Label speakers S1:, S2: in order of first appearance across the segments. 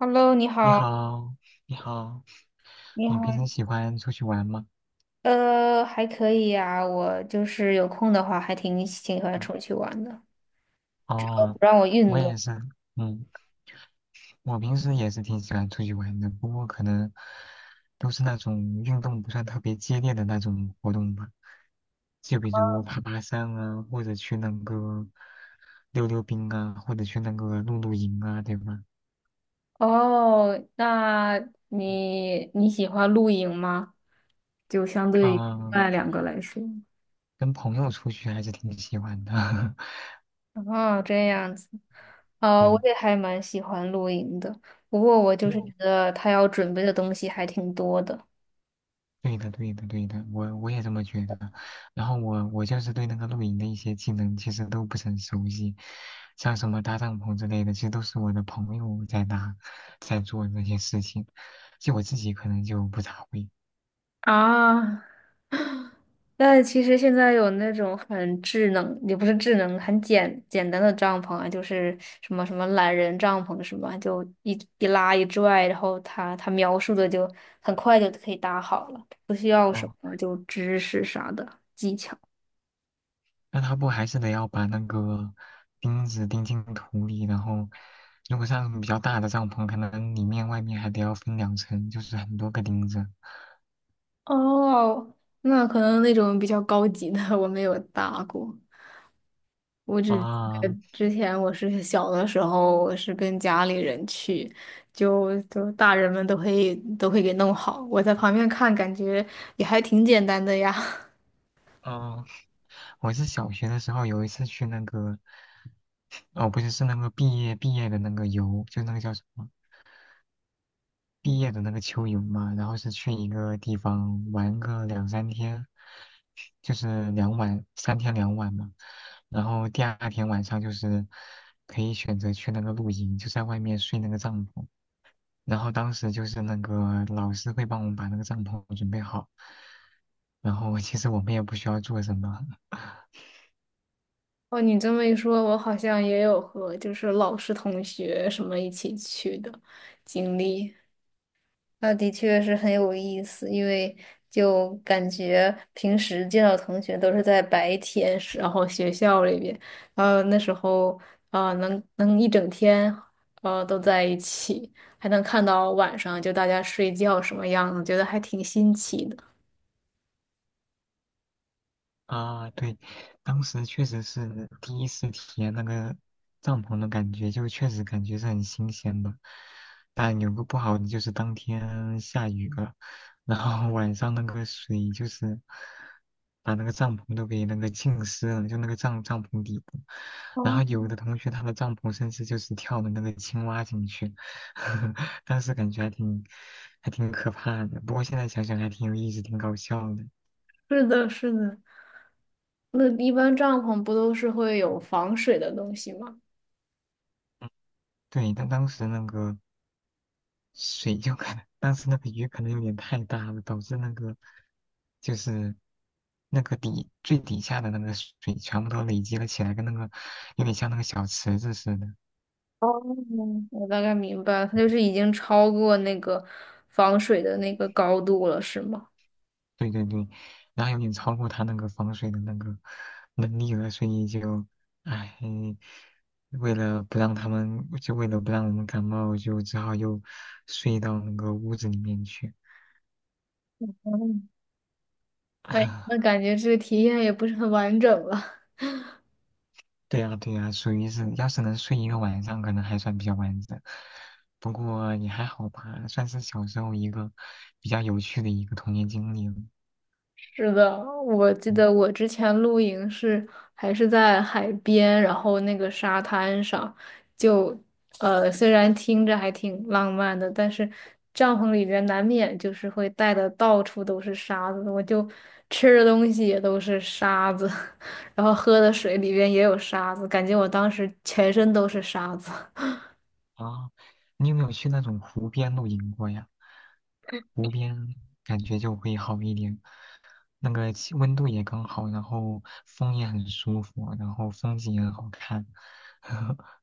S1: Hello，你
S2: 你
S1: 好，
S2: 好，你好，
S1: 你
S2: 你
S1: 好，
S2: 平时喜欢出去玩吗？
S1: 还可以呀、我就是有空的话，还挺喜欢
S2: 嗯，
S1: 出去玩的，不
S2: 哦，
S1: 让我运
S2: 我也
S1: 动。
S2: 是，嗯，我平时也是挺喜欢出去玩的，不过可能都是那种运动不算特别激烈的那种活动吧，就比如爬爬山啊，或者去那个溜溜冰啊，或者去那个露露营啊，对吧？
S1: 哦，那你喜欢露营吗？就相对于另
S2: 嗯，
S1: 外两个来说。
S2: 跟朋友出去还是挺喜欢的。
S1: 哦，这样子，我
S2: 对
S1: 也还蛮喜欢露营的，不过我就
S2: 对，
S1: 是觉得他要准备的东西还挺多的。
S2: 对的，对的，对的，我也这么觉得。然后我就是对那个露营的一些技能其实都不是很熟悉，像什么搭帐篷之类的，其实都是我的朋友在搭，在做那些事情，就我自己可能就不咋会。
S1: 啊，但其实现在有那种很智能，也不是智能，很简单的帐篷啊，就是什么懒人帐篷什么，就一拉一拽，然后它描述的就很快就可以搭好了，不需要什
S2: 哦，
S1: 么就知识啥的。
S2: 那他不还是得要把那个钉子钉进土里，然后如果像比较大的帐篷，可能里面外面还得要分2层，就是很多个钉子。
S1: 哦，那可能那种比较高级的我没有搭过，我只
S2: 啊，
S1: 之前我是小的时候，我是跟家里人去，大人们都会给弄好，我在旁边看，感觉也还挺简单的呀。
S2: 嗯，我是小学的时候有一次去那个哦，不是，是那个毕业的那个游，就那个叫什么毕业的那个秋游嘛，然后是去一个地方玩个两三天，就是两晚，3天2晚嘛。然后第二天晚上就是可以选择去那个露营，就在外面睡那个帐篷。然后当时就是那个老师会帮我们把那个帐篷准备好，然后其实我们也不需要做什么。
S1: 哦，你这么一说，我好像也有和就是老师、同学什么一起去的经历。那的确是很有意思，因为就感觉平时见到同学都是在白天，然后学校里边，然后那时候啊、能一整天都在一起，还能看到晚上就大家睡觉什么样子，觉得还挺新奇的。
S2: 啊，对，当时确实是第一次体验那个帐篷的感觉，就确实感觉是很新鲜的。但有个不好的就是当天下雨了，然后 晚上那个水就是把那个帐篷都给那个浸湿了，就那个帐篷底部。
S1: 哦，
S2: 然后有的同学他的帐篷甚至就是跳了那个青蛙进去，当时感觉还挺可怕的。不过现在想想还挺有意思，挺搞笑的。
S1: 是的，是的。那一般帐篷不都是会有防水的东西吗？
S2: 对，但当时那个水就可能，但是那个鱼可能有点太大了，导致那个就是那个底最底下的那个水全部都累积了起来，跟那个有点像那个小池子似的。
S1: 哦，我大概明白了，它就是已经超过那个防水的那个高度了，是吗？
S2: 对对对，然后有点超过它那个防水的那个能力了，所以就，唉，为了不让他们，就为了不让我们感冒，就只好又睡到那个屋子里面去。
S1: 哎，那 感觉这个体验也不是很完整了。
S2: 对呀，对呀，属于是，要是能睡一个晚上，可能还算比较完整。不过也还好吧，算是小时候一个比较有趣的一个童年经历了。
S1: 是的，我记
S2: 嗯
S1: 得我之前露营是还是在海边，然后那个沙滩上，就虽然听着还挺浪漫的，但是帐篷里边难免就是会带的到处都是沙子，我就吃的东西也都是沙子，然后喝的水里边也有沙子，感觉我当时全身都是沙子。
S2: 啊，你有没有去那种湖边露营过呀？湖边感觉就会好一点，那个气温度也刚好，然后风也很舒服，然后风景也很好看。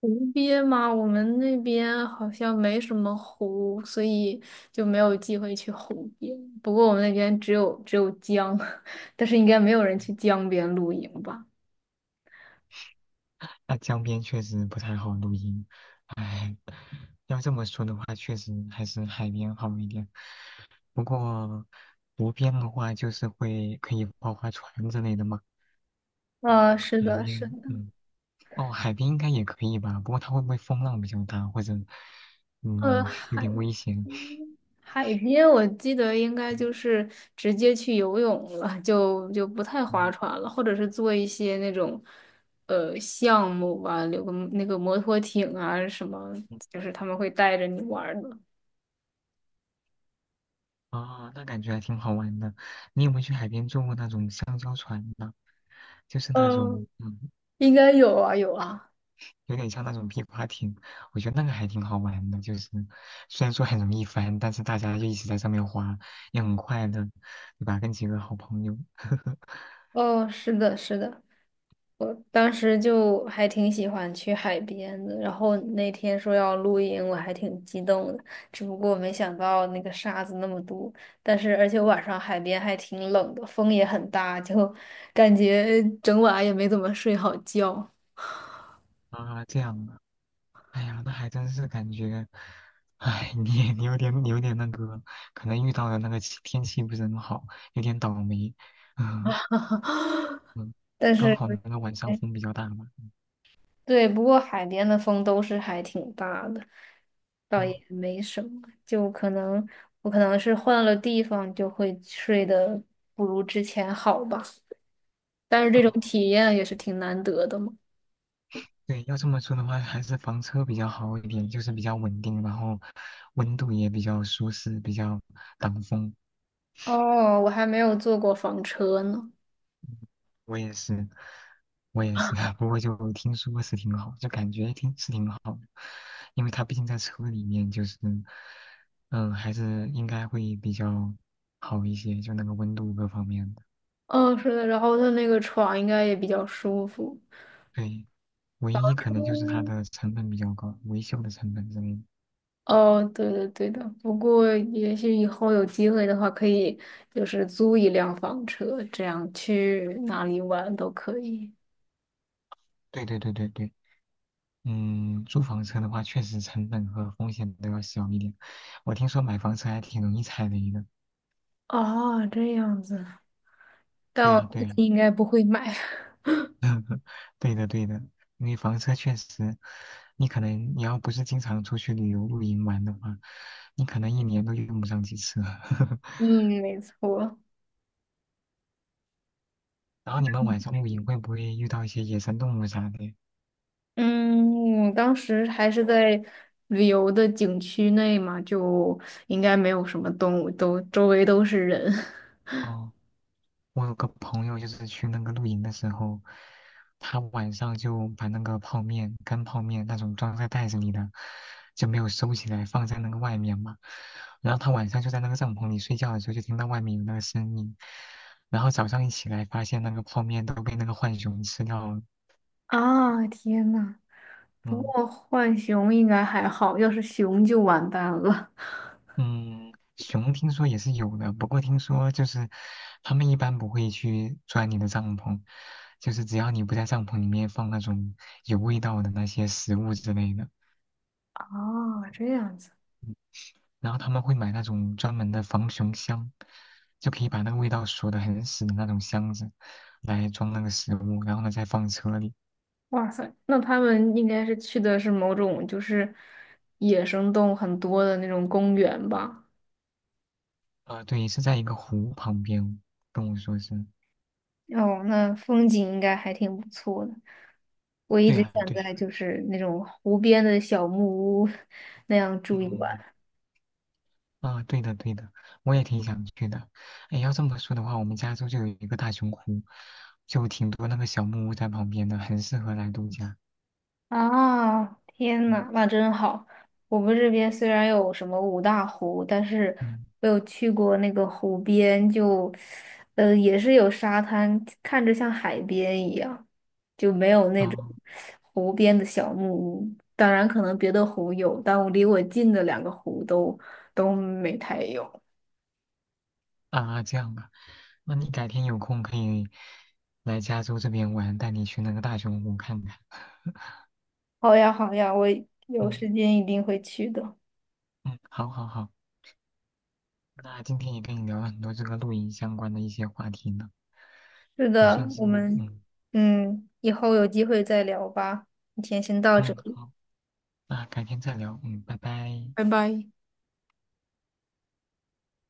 S1: 湖边嘛，我们那边好像没什么湖，所以就没有机会去湖边。不过我们那边只有江，但是应该没有人去江边露营吧？
S2: 那江边确实不太好露营，唉。要这么说的话，确实还是海边好一点。不过湖边的话，就是会可以划划船之类的嘛。
S1: 呃，
S2: 嗯
S1: 是
S2: 海
S1: 的，是
S2: 边，
S1: 的，
S2: 嗯，哦，海边应该也可以吧。不过它会不会风浪比较大，或者
S1: 呃，
S2: 嗯有
S1: 海
S2: 点危险？
S1: 海边我记得应该就
S2: 嗯
S1: 是直接去游泳了，就不太划
S2: 嗯
S1: 船了，或者是做一些那种项目吧，有个那个摩托艇啊什么，
S2: 嗯
S1: 就是他们会带着你玩儿的。
S2: 哦，那感觉还挺好玩的。你有没有去海边坐过那种香蕉船呢？就是那
S1: 嗯
S2: 种，嗯，
S1: 应该有啊，有啊。
S2: 有点像那种皮划艇，我觉得那个还挺好玩的，就是虽然说很容易翻，但是大家就一直在上面滑，也很快乐，对吧？跟几个好朋友。
S1: 哦，是的，是的，我当时就还挺喜欢去海边的。然后那天说要露营，我还挺激动的。只不过没想到那个沙子那么多，但是而且晚上海边还挺冷的，风也很大，就感觉整晚也没怎么睡好觉。
S2: 啊，这样的，哎呀，那还真是感觉，哎，你有点你有点那个，可能遇到的那个天气不是很好，有点倒霉。嗯 嗯
S1: 但
S2: 刚
S1: 是
S2: 好那个晚上风比较大嘛。嗯
S1: 对，不过海边的风都是还挺大的，倒
S2: 嗯，
S1: 也没什么。就可能我可能是换了地方，就会睡得不如之前好吧。但是这种
S2: 哦
S1: 体验也是挺难得的嘛。
S2: 对，要这么说的话，还是房车比较好一点，就是比较稳定，然后温度也比较舒适，比较挡风。
S1: 哦，我还没有坐过房车呢。
S2: 我也是，我也是，不过就听说是挺好，就感觉挺是挺好的，因为它毕竟在车里面，就是，嗯、还是应该会比较好一些，就那个温度各方面的。
S1: 哦，是的，然后它那个床应该也比较舒服。
S2: 对，唯一可能就是它
S1: 嗯
S2: 的成本比较高，维修的成本之类的
S1: 哦，对的，对的。不过也许以后有机会的话，可以就是租一辆房车，这样去哪里玩都可以。
S2: 对对对对对。嗯，租房车的话，确实成本和风险都要小一点。我听说买房车还挺容易踩雷的。
S1: 哦，这样子，但
S2: 对
S1: 我
S2: 呀，
S1: 估
S2: 对呀，
S1: 计应该不会买。
S2: 对的，对的。因为房车确实，你可能你要不是经常出去旅游露营玩的话，你可能一年都用不上几次。
S1: 嗯，没错。
S2: 然后你们晚上露营会不会遇到一些野生动物啥的？
S1: 嗯，我当时还是在旅游的景区内嘛，就应该没有什么动物，都周围都是人。
S2: 哦，我有个朋友就是去那个露营的时候，他晚上就把那个泡面、干泡面那种装在袋子里的，就没有收起来，放在那个外面嘛。然后他晚上就在那个帐篷里睡觉的时候，就听到外面有那个声音，然后早上一起来，发现那个泡面都被那个浣熊吃掉了。
S1: 啊，天呐，不
S2: 嗯。
S1: 过浣熊应该还好，要是熊就完蛋了。
S2: 嗯，熊听说也是有的，不过听说就是他们一般不会去钻你的帐篷，就是只要你不在帐篷里面放那种有味道的那些食物之类的，
S1: 哦，这样子，
S2: 然后他们会买那种专门的防熊箱，就可以把那个味道锁得很死的那种箱子来装那个食物，然后呢再放车里。
S1: 哇塞，那他们应该是去的是某种就是野生动物很多的那种公园吧？
S2: 啊、对，是在一个湖旁边，跟我说是。
S1: 哦，那风景应该还挺不错的。我一
S2: 对
S1: 直
S2: 啊，
S1: 想
S2: 对呀、
S1: 在就是那种湖边的小木屋那样住一
S2: 嗯。
S1: 晚。
S2: 啊，对的对的，我也挺想去的。哎，要这么说的话，我们加州就有一个大熊湖，就挺多那个小木屋在旁边的，很适合来度假。
S1: 啊，天
S2: 嗯
S1: 呐，那真好！我们这边虽然有什么五大湖，但是
S2: 嗯，
S1: 我有去过那个湖边就，呃，也是有沙滩，看着像海边一样，就没有那种
S2: 哦
S1: 湖边的小木屋。当然，可能别的湖有，但我离我近的两个湖都没太有。
S2: 啊，这样啊，那你改天有空可以来加州这边玩，带你去那个大熊湖看看。
S1: 好呀，好呀，我有
S2: 嗯
S1: 时间一定会去的。
S2: 嗯，好好好，那今天也跟你聊了很多这个露营相关的一些话题呢，
S1: 是
S2: 也
S1: 的，
S2: 算是
S1: 我们
S2: 嗯
S1: 嗯，以后有机会再聊吧。今天先到这
S2: 嗯
S1: 里，
S2: 好，那改天再聊，嗯，拜拜。
S1: 拜拜。